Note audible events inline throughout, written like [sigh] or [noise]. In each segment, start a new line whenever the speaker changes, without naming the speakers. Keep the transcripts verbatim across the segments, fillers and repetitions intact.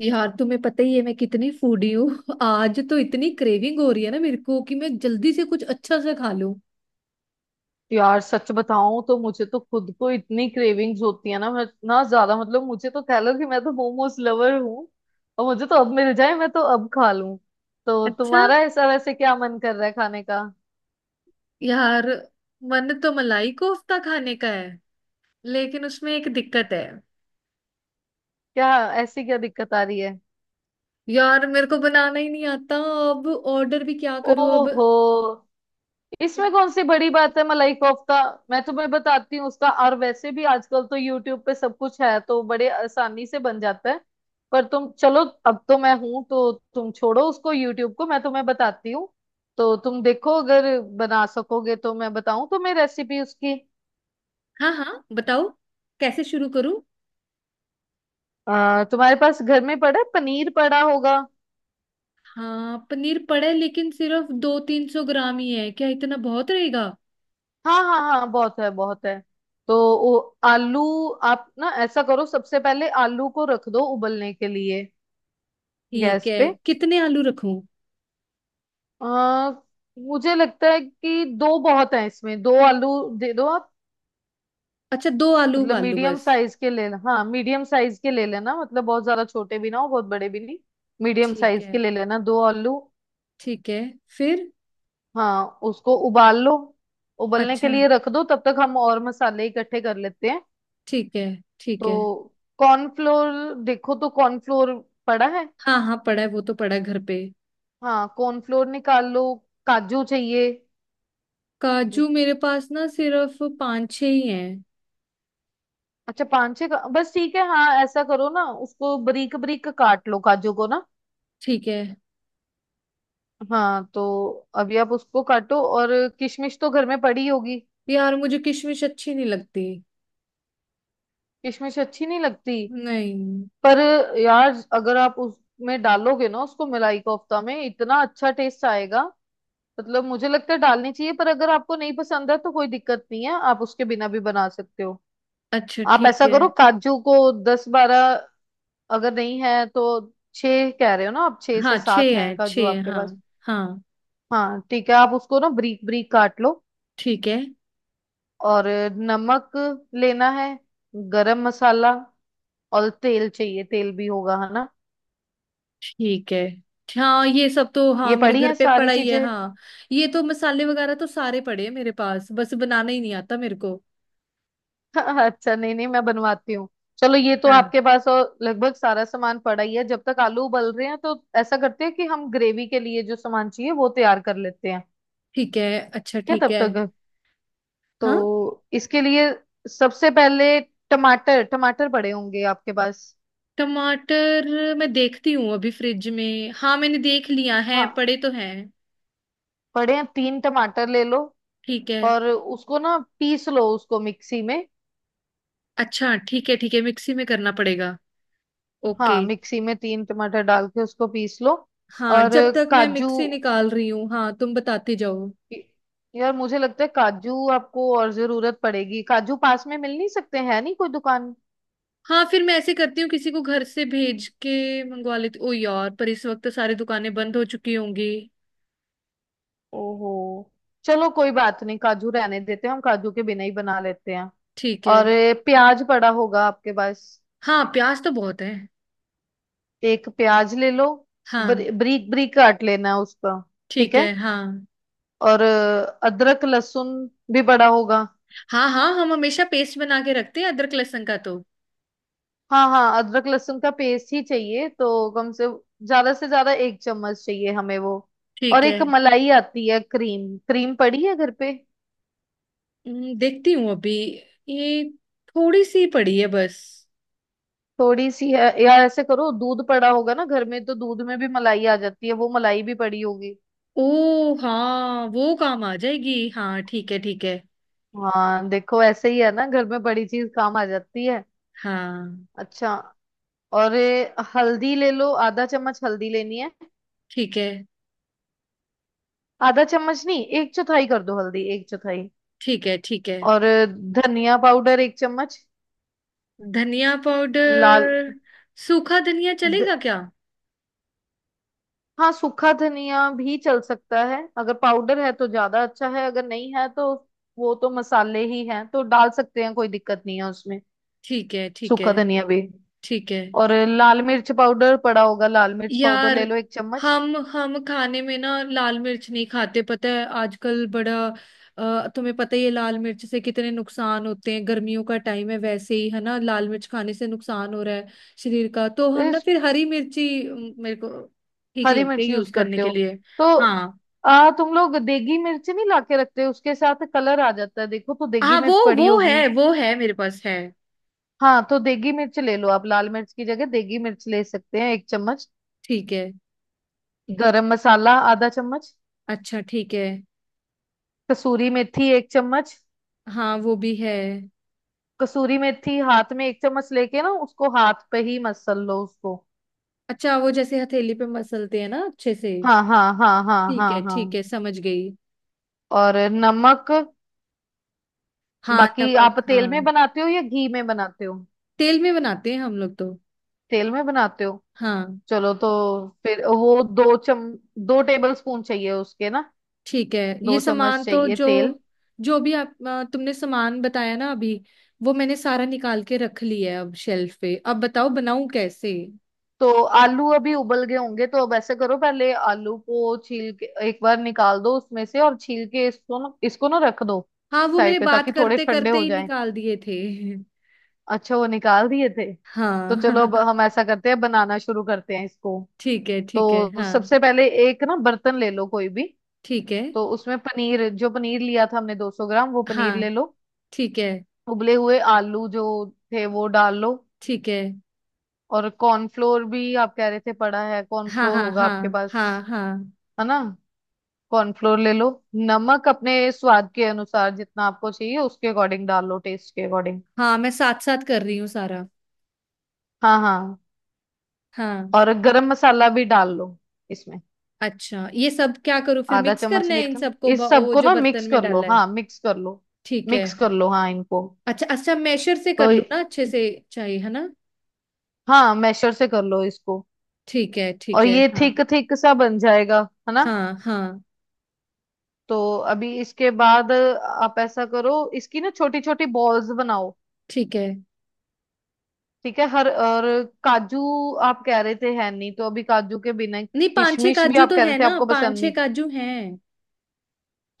यार, तुम्हें पता ही है मैं कितनी फूडी हूँ। [laughs] आज तो इतनी क्रेविंग हो रही है ना मेरे को, कि मैं जल्दी से कुछ अच्छा सा खा लूं।
यार सच बताऊं तो मुझे तो खुद को इतनी क्रेविंग्स होती है ना। मैं इतना ज्यादा मतलब मुझे तो कह लो कि मैं तो मोमोज लवर हूँ और मुझे तो अब मिल जाए मैं तो अब खा लूं। तो
अच्छा।
तुम्हारा ऐसा वैसे क्या मन कर रहा है खाने का?
यार, मन तो मलाई कोफ्ता खाने का है, लेकिन उसमें एक दिक्कत है।
क्या ऐसी क्या दिक्कत आ रही है?
यार, मेरे को बनाना ही नहीं आता। अब ऑर्डर भी क्या करूं अब।
ओहो, इसमें कौन सी बड़ी बात है मलाई कोफ्ता। मैं तुम्हें बताती हूँ उसका, और वैसे भी आजकल तो यूट्यूब पे सब कुछ है तो बड़े आसानी से बन जाता है। पर तुम चलो, अब तो मैं हूं तो तुम छोड़ो उसको यूट्यूब को, मैं तुम्हें बताती हूँ। तो तुम देखो अगर बना सकोगे तो मैं बताऊं तुम्हें रेसिपी उसकी।
हाँ, हाँ, बताओ। कैसे शुरू करूं?
अ, तुम्हारे पास घर में पड़ा है पनीर, पड़ा होगा?
हाँ, पनीर पड़ा है, लेकिन सिर्फ दो तीन सौ ग्राम ही है। क्या इतना बहुत रहेगा?
हाँ हाँ हाँ, बहुत है बहुत है। तो वो आलू, आप ना ऐसा करो सबसे पहले आलू को रख दो उबलने के लिए
ठीक
गैस
है।
पे।
कितने आलू रखूं?
आ, मुझे लगता है कि दो बहुत है, इसमें दो आलू दे दो आप।
अच्छा, दो आलू
मतलब
उबाल लूं
मीडियम
बस?
साइज के ले, हाँ मीडियम साइज के ले लेना, मतलब बहुत ज्यादा छोटे भी ना हो, बहुत बड़े भी नहीं। मीडियम
ठीक
साइज
है,
के ले लेना दो आलू।
ठीक है। फिर?
हाँ, उसको उबाल लो। उबलने के
अच्छा,
लिए रख दो, तब तक हम और मसाले इकट्ठे कर लेते हैं।
ठीक है, ठीक
तो
है।
कॉर्नफ्लोर देखो, तो कॉर्नफ्लोर पड़ा है?
हाँ, हाँ, पड़ा है। वो तो पड़ा है घर पे।
हाँ कॉर्नफ्लोर निकाल लो। काजू चाहिए।
काजू मेरे पास ना सिर्फ पांच छह ही हैं।
अच्छा पांच छह का, बस ठीक है। हाँ ऐसा करो ना उसको बरीक बरीक काट लो काजू को ना।
ठीक है।
हाँ तो अभी आप उसको काटो, और किशमिश तो घर में पड़ी होगी।
यार, मुझे किशमिश अच्छी नहीं लगती।
किशमिश अच्छी नहीं लगती?
नहीं।
पर यार अगर आप उसमें डालोगे ना, उसको मलाई कोफ्ता में, इतना अच्छा टेस्ट आएगा। मतलब मुझे लगता है डालनी चाहिए, पर अगर आपको नहीं पसंद है तो कोई दिक्कत नहीं है, आप उसके बिना भी बना सकते हो।
अच्छा,
आप
ठीक
ऐसा
है।
करो काजू को, दस बारह, अगर नहीं है तो छह कह रहे हो ना आप, छह
हाँ,
से
छह
सात हैं
है, छह
काजू
है,
आपके
हाँ।
पास?
हाँ।
हाँ ठीक है, आप उसको ना ब्रीक ब्रीक काट लो।
ठीक है,
और नमक लेना है, गरम मसाला, और तेल चाहिए, तेल भी होगा है ना?
ठीक है। हाँ, ये सब तो, हाँ,
ये
मेरे
पड़ी
घर
है
पे
सारी
पड़ा ही है,
चीजें।
हाँ। ये तो मसाले वगैरह तो सारे पड़े हैं मेरे पास। बस बनाना ही नहीं आता मेरे को।
[laughs] अच्छा नहीं नहीं, मैं बनवाती हूँ। चलो ये तो
हाँ,
आपके पास और लगभग सारा सामान पड़ा ही है। जब तक आलू उबल रहे हैं तो ऐसा करते हैं कि हम ग्रेवी के लिए जो सामान चाहिए वो तैयार कर लेते हैं।
ठीक है। अच्छा,
ठीक है
ठीक
तब
है।
तक।
हाँ।
तो इसके लिए सबसे पहले टमाटर, टमाटर पड़े होंगे आपके पास?
टमाटर मैं देखती हूँ अभी फ्रिज में। हाँ, मैंने देख लिया है,
हाँ
पड़े तो हैं।
पड़े हैं, तीन टमाटर ले लो,
ठीक है।
और उसको ना पीस लो उसको मिक्सी में।
अच्छा, ठीक है, ठीक है। मिक्सी में करना पड़ेगा।
हाँ
ओके।
मिक्सी में तीन टमाटर डाल के उसको पीस लो।
हाँ,
और
जब तक मैं
काजू,
मिक्सी निकाल रही हूँ, हाँ, तुम बताते जाओ।
यार मुझे लगता है काजू आपको और जरूरत पड़ेगी, काजू पास में मिल नहीं सकते हैं, नहीं कोई दुकान?
हाँ, फिर मैं ऐसे करती हूँ, किसी को घर से भेज के मंगवा लेती। ओ यार, पर इस वक्त तो सारी दुकानें बंद हो चुकी होंगी।
ओहो, चलो कोई बात नहीं, काजू रहने देते हैं, हम काजू के बिना ही बना लेते हैं।
ठीक है।
और ए, प्याज पड़ा होगा आपके पास?
हाँ, प्याज तो बहुत है।
एक प्याज ले लो। बर,
हाँ।
बारीक बारीक काट लेना है उसका। ठीक
ठीक है,
है।
हाँ।
और अ, अदरक लहसुन भी पड़ा होगा।
हाँ, हाँ, हम हमेशा पेस्ट बना के रखते हैं अदरक लहसुन का तो।
हाँ हाँ अदरक लहसुन का पेस्ट ही चाहिए, तो कम से ज्यादा से ज्यादा एक चम्मच चाहिए हमें वो।
ठीक
और
है।
एक मलाई आती है, क्रीम, क्रीम पड़ी है घर पे?
हम्म, देखती हूँ अभी। ये, थोड़ी सी पड़ी है बस।
थोड़ी सी है यार, ऐसे करो दूध पड़ा होगा ना घर में, तो दूध में भी मलाई आ जाती है, वो मलाई भी पड़ी होगी।
ओ हाँ, वो काम आ जाएगी, हाँ। ठीक है, ठीक है।
हाँ देखो ऐसे ही है ना घर में, बड़ी चीज काम आ जाती है।
हाँ।
अच्छा, और ये हल्दी ले लो, आधा चम्मच हल्दी लेनी है।
ठीक है,
आधा चम्मच नहीं, एक चौथाई कर दो हल्दी, एक चौथाई।
ठीक है, ठीक है।
और धनिया पाउडर एक चम्मच,
धनिया
लाल।
पाउडर? सूखा धनिया चलेगा क्या?
हाँ सूखा धनिया भी चल सकता है, अगर पाउडर है तो ज्यादा अच्छा है, अगर नहीं है तो वो तो मसाले ही हैं, तो डाल सकते हैं, कोई दिक्कत नहीं है उसमें।
ठीक है, ठीक है।
सूखा धनिया भी।
ठीक है।
और लाल मिर्च पाउडर पड़ा होगा, लाल मिर्च पाउडर
यार,
ले लो एक चम्मच।
हम हम खाने में ना लाल मिर्च नहीं खाते, पता है, आजकल बड़ा। अ, तुम्हें पता ही है लाल मिर्च से कितने नुकसान होते हैं। गर्मियों का टाइम है, वैसे ही है ना, लाल मिर्च खाने से नुकसान हो रहा है शरीर का। तो हम ना
इस-
फिर हरी मिर्ची अम, मेरे को ठीक
हरी
लगते हैं
मिर्च
यूज
यूज
करने
करते
के
हो?
लिए।
तो
हाँ।
आ तुम लोग देगी मिर्च नहीं लाके रखते, उसके साथ कलर आ जाता है, देखो तो देगी
हाँ, वो
मिर्च पड़ी
वो
होगी।
है, वो है मेरे पास है।
हाँ तो देगी मिर्च ले लो, आप लाल मिर्च की जगह देगी मिर्च ले सकते हैं, एक चम्मच।
ठीक है।
गरम मसाला आधा चम्मच।
अच्छा, ठीक है।
कसूरी मेथी एक चम्मच।
हाँ, वो भी है।
कसूरी मेथी हाथ में एक चम्मच लेके ना उसको हाथ पे ही मसल लो उसको।
अच्छा, वो जैसे हथेली पे मसलते हैं ना, अच्छे से।
हाँ हाँ हाँ हाँ
ठीक
हाँ
है, ठीक
हाँ।
है, समझ गई।
और नमक।
हाँ,
बाकी आप
नमक,
तेल में
हाँ।
बनाते हो या घी में बनाते हो?
तेल में बनाते हैं हम लोग तो।
तेल में बनाते हो।
हाँ।
चलो तो फिर वो दो चम दो टेबल स्पून चाहिए उसके ना,
ठीक है। ये
दो चम्मच
सामान तो,
चाहिए
जो
तेल।
जो भी आप, अ, तुमने सामान बताया ना अभी, वो मैंने सारा निकाल के रख लिया है अब शेल्फ पे। अब बताओ, बनाऊं कैसे?
तो आलू अभी उबल गए होंगे, तो अब ऐसे करो पहले आलू को छील के एक बार निकाल दो उसमें से, और छील के इसको ना, इसको ना रख दो
हाँ, वो मैंने
साइड पे,
बात
ताकि थोड़े
करते
ठंडे
करते
हो।
ही निकाल दिए थे। [laughs]
अच्छा वो निकाल दिए थे?
हाँ।
तो चलो अब
[laughs]
हम ऐसा करते हैं, बनाना शुरू करते हैं इसको।
ठीक है, ठीक है,
तो
हाँ।
सबसे पहले एक ना बर्तन ले लो कोई भी।
ठीक है।
तो उसमें पनीर, जो पनीर लिया था हमने दो सौ ग्राम, वो पनीर ले
हाँ,
लो।
ठीक है,
उबले हुए आलू जो थे वो डाल लो।
ठीक है।
और कॉर्नफ्लोर भी, आप कह रहे थे पड़ा है,
हाँ,
कॉर्नफ्लोर
हाँ,
होगा आपके
हाँ।
पास,
हाँ, हाँ,
है ना? कॉर्नफ्लोर ले लो। नमक अपने स्वाद के अनुसार जितना आपको चाहिए उसके अकॉर्डिंग डाल लो, टेस्ट के अकॉर्डिंग।
हाँ। मैं साथ साथ कर रही हूँ सारा।
हाँ हाँ।
हाँ।
और गरम मसाला भी डाल लो इसमें,
अच्छा, ये सब क्या करूँ? फिर
आधा
मिक्स
चम्मच
करना है
लिया
इन
था।
सबको,
इस
ब- वो
सबको
जो
ना
बर्तन
मिक्स
में
कर लो,
डाला है।
हाँ मिक्स कर लो।
ठीक है।
मिक्स कर लो हाँ इनको।
अच्छा, अच्छा, मैशर से
तो
कर लूँ ना अच्छे से, चाहिए, है ना?
हाँ मैशर से कर लो इसको।
ठीक है, ठीक
और
है,
ये
हाँ।
थिक थिक सा बन जाएगा, है ना?
हाँ, हाँ।
तो अभी इसके बाद आप ऐसा करो, इसकी ना छोटी छोटी बॉल्स बनाओ।
ठीक है।
ठीक है हर, और काजू आप कह रहे थे है नहीं, तो अभी काजू के बिना,
नहीं, पांच छह
किशमिश भी
काजू
आप
तो
कह रहे
है
थे
ना,
आपको
पांच
पसंद
छह
नहीं।
काजू हैं।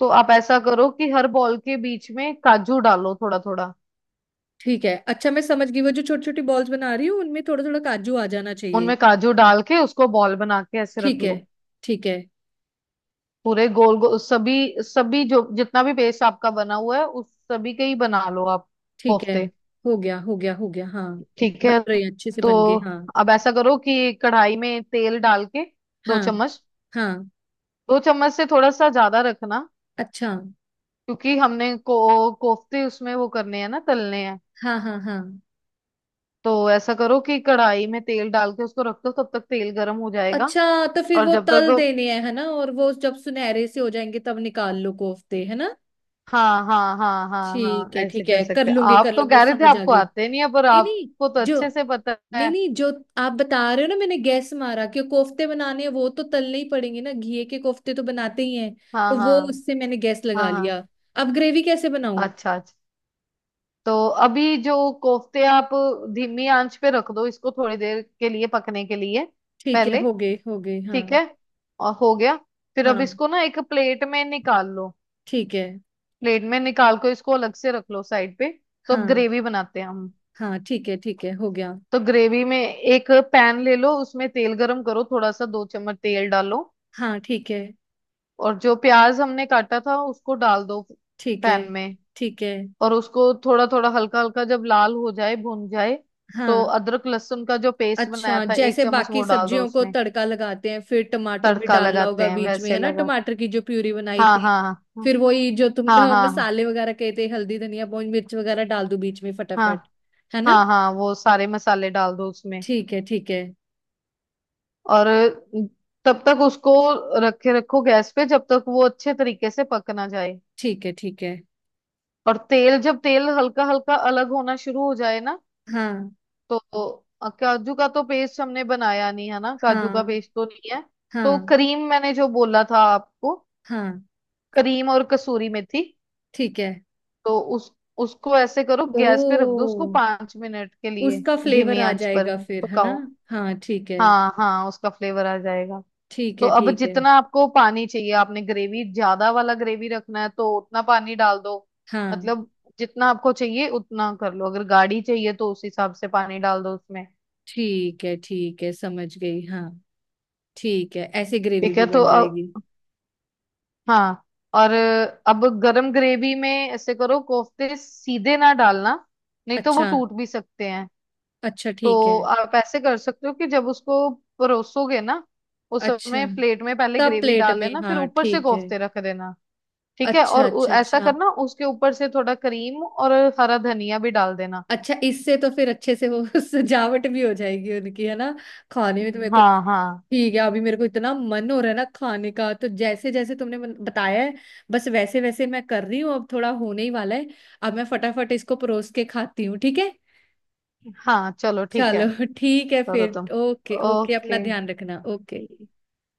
तो आप ऐसा करो कि हर बॉल के बीच में काजू डालो थोड़ा थोड़ा।
ठीक है। अच्छा, मैं समझ गई, वो जो छोटी छोटी बॉल्स बना रही हूँ उनमें थोड़ा थोड़ा काजू आ जाना चाहिए।
उनमें काजू डाल के उसको बॉल बना के ऐसे रख
ठीक है,
लो।
ठीक है।
पूरे गोल गोल सभी, सभी जो जितना भी पेस्ट आपका बना हुआ है उस सभी के ही बना लो आप,
ठीक है,
कोफ्ते।
हो गया, हो गया, हो गया, हाँ।
ठीक
बन
है।
रहे हैं, अच्छे से
तो
बन गए, हाँ।
अब ऐसा करो कि कढ़ाई में तेल डाल के, दो
हाँ।
चम्मच,
हाँ।
दो चम्मच से थोड़ा सा ज्यादा रखना,
अच्छा।
क्योंकि हमने को कोफ्ते उसमें वो करने हैं ना, तलने हैं।
हाँ, हाँ, हाँ।
तो ऐसा करो कि कढ़ाई में तेल डाल के उसको रख दो, तब तक तेल गर्म हो जाएगा।
अच्छा, तो फिर
और
वो
जब
तल
तक,
देने हैं, है ना? और वो जब सुनहरे से हो जाएंगे तब निकाल लो कोफ्ते, है ना?
हाँ हाँ हाँ हाँ हाँ
ठीक है,
ऐसे
ठीक
कर
है, कर
सकते हैं
लूंगी, कर
आप, तो
लूंगी,
कह रहे थे
समझ आ
आपको
गई।
आते नहीं है पर
नहीं, नहीं।
आपको तो
जो,
अच्छे से पता है।
नहीं, नहीं, जो आप बता रहे हो ना, मैंने गैस मारा कि कोफ्ते बनाने हैं, वो तो तलने ही पड़ेंगे ना, घी के कोफ्ते तो बनाते ही हैं,
हाँ
तो वो
हाँ
उससे मैंने गैस
हाँ
लगा
हाँ।
लिया। अब ग्रेवी कैसे बनाऊं?
अच्छा अच्छा। तो अभी जो कोफ्ते आप, धीमी आंच पे रख दो इसको थोड़ी देर के लिए पकने के लिए।
ठीक है,
पहले,
हो गए, हो गए,
ठीक
हाँ।
है, और हो गया। फिर अब
हाँ,
इसको ना एक प्लेट में निकाल लो।
ठीक है।
प्लेट में निकाल कर इसको अलग से रख लो साइड पे। तो अब
हाँ।
ग्रेवी बनाते हैं हम।
हाँ, ठीक है, ठीक है, हो गया।
तो ग्रेवी में एक पैन ले लो, उसमें तेल गरम करो थोड़ा सा, दो चम्मच तेल डालो।
हाँ, ठीक है।
और जो प्याज हमने काटा था उसको डाल दो
ठीक है।
पैन में।
ठीक है,
और उसको थोड़ा थोड़ा हल्का हल्का जब लाल हो जाए, भुन जाए, तो
हाँ।
अदरक लहसुन का जो पेस्ट बनाया
अच्छा,
था एक
जैसे
चम्मच
बाकी
वो डाल दो
सब्जियों को
उसमें।
तड़का लगाते हैं, फिर टमाटर भी
तड़का
डालना
लगाते
होगा
हैं
बीच में,
वैसे
है ना,
लगा।
टमाटर की जो प्यूरी बनाई
हाँ
थी।
हाँ
फिर वही जो तुम
हाँ
अ,
हाँ हाँ
मसाले वगैरह कहे थे, हल्दी, धनिया, पूंज मिर्च वगैरह डाल दूं बीच में
हाँ
फटाफट? है ना?
हाँ हाँ वो सारे मसाले डाल दो उसमें।
ठीक है, ठीक है।
और तब तक उसको रखे रखो गैस पे, जब तक वो अच्छे तरीके से पक ना जाए।
ठीक है, ठीक है।
और तेल, जब तेल हल्का हल्का अलग होना शुरू हो जाए ना,
हाँ।
तो अ, काजू का तो पेस्ट हमने बनाया नहीं है ना, काजू का
हाँ,
पेस्ट तो नहीं है। तो
हाँ,
क्रीम, मैंने जो बोला था आपको,
हाँ।
क्रीम और कसूरी मेथी,
ठीक है।
तो उस उसको ऐसे करो गैस पे रख दो
ओ,
उसको पांच मिनट के लिए,
उसका फ्लेवर
धीमी
आ
आंच पर
जाएगा फिर, है ना?
पकाओ।
हाँ, ठीक है।
हाँ हाँ उसका फ्लेवर आ जाएगा।
ठीक
तो
है,
अब
ठीक है।
जितना आपको पानी चाहिए, आपने ग्रेवी ज्यादा वाला ग्रेवी रखना है तो उतना पानी डाल दो।
हाँ।
मतलब जितना आपको चाहिए उतना कर लो, अगर गाढ़ी चाहिए तो उस हिसाब से पानी डाल दो उसमें।
ठीक है, ठीक है, समझ गई, हाँ। ठीक है, ऐसे ग्रेवी
ठीक
भी
है तो
बन जाएगी।
हाँ। और अब गरम ग्रेवी में ऐसे करो, कोफ्ते सीधे ना डालना, नहीं तो वो
अच्छा।
टूट भी सकते हैं।
अच्छा, ठीक है।
तो आप ऐसे कर सकते हो कि जब उसको परोसोगे ना, उस
अच्छा,
समय प्लेट में पहले
तब
ग्रेवी
प्लेट
डाल
में,
देना, फिर
हाँ,
ऊपर से
ठीक है।
कोफ्ते रख देना। ठीक है।
अच्छा,
और उ-
अच्छा,
ऐसा
अच्छा।
करना उसके ऊपर से थोड़ा क्रीम और हरा धनिया भी डाल देना।
अच्छा, इससे तो फिर अच्छे से वो [laughs] सजावट भी हो जाएगी उनकी, है ना? खाने में तो मेरे को।
हाँ हाँ
ठीक है, अभी मेरे को इतना मन हो रहा है ना खाने का, तो जैसे जैसे तुमने बन- बताया है, बस वैसे वैसे मैं कर रही हूँ। अब थोड़ा होने ही वाला है। अब मैं फटाफट इसको परोस के खाती हूँ, ठीक है?
हाँ चलो ठीक है।
चलो, [laughs] ठीक है
करो तुम।
फिर। ओके, ओके, अपना
ओके।
ध्यान रखना, ओके।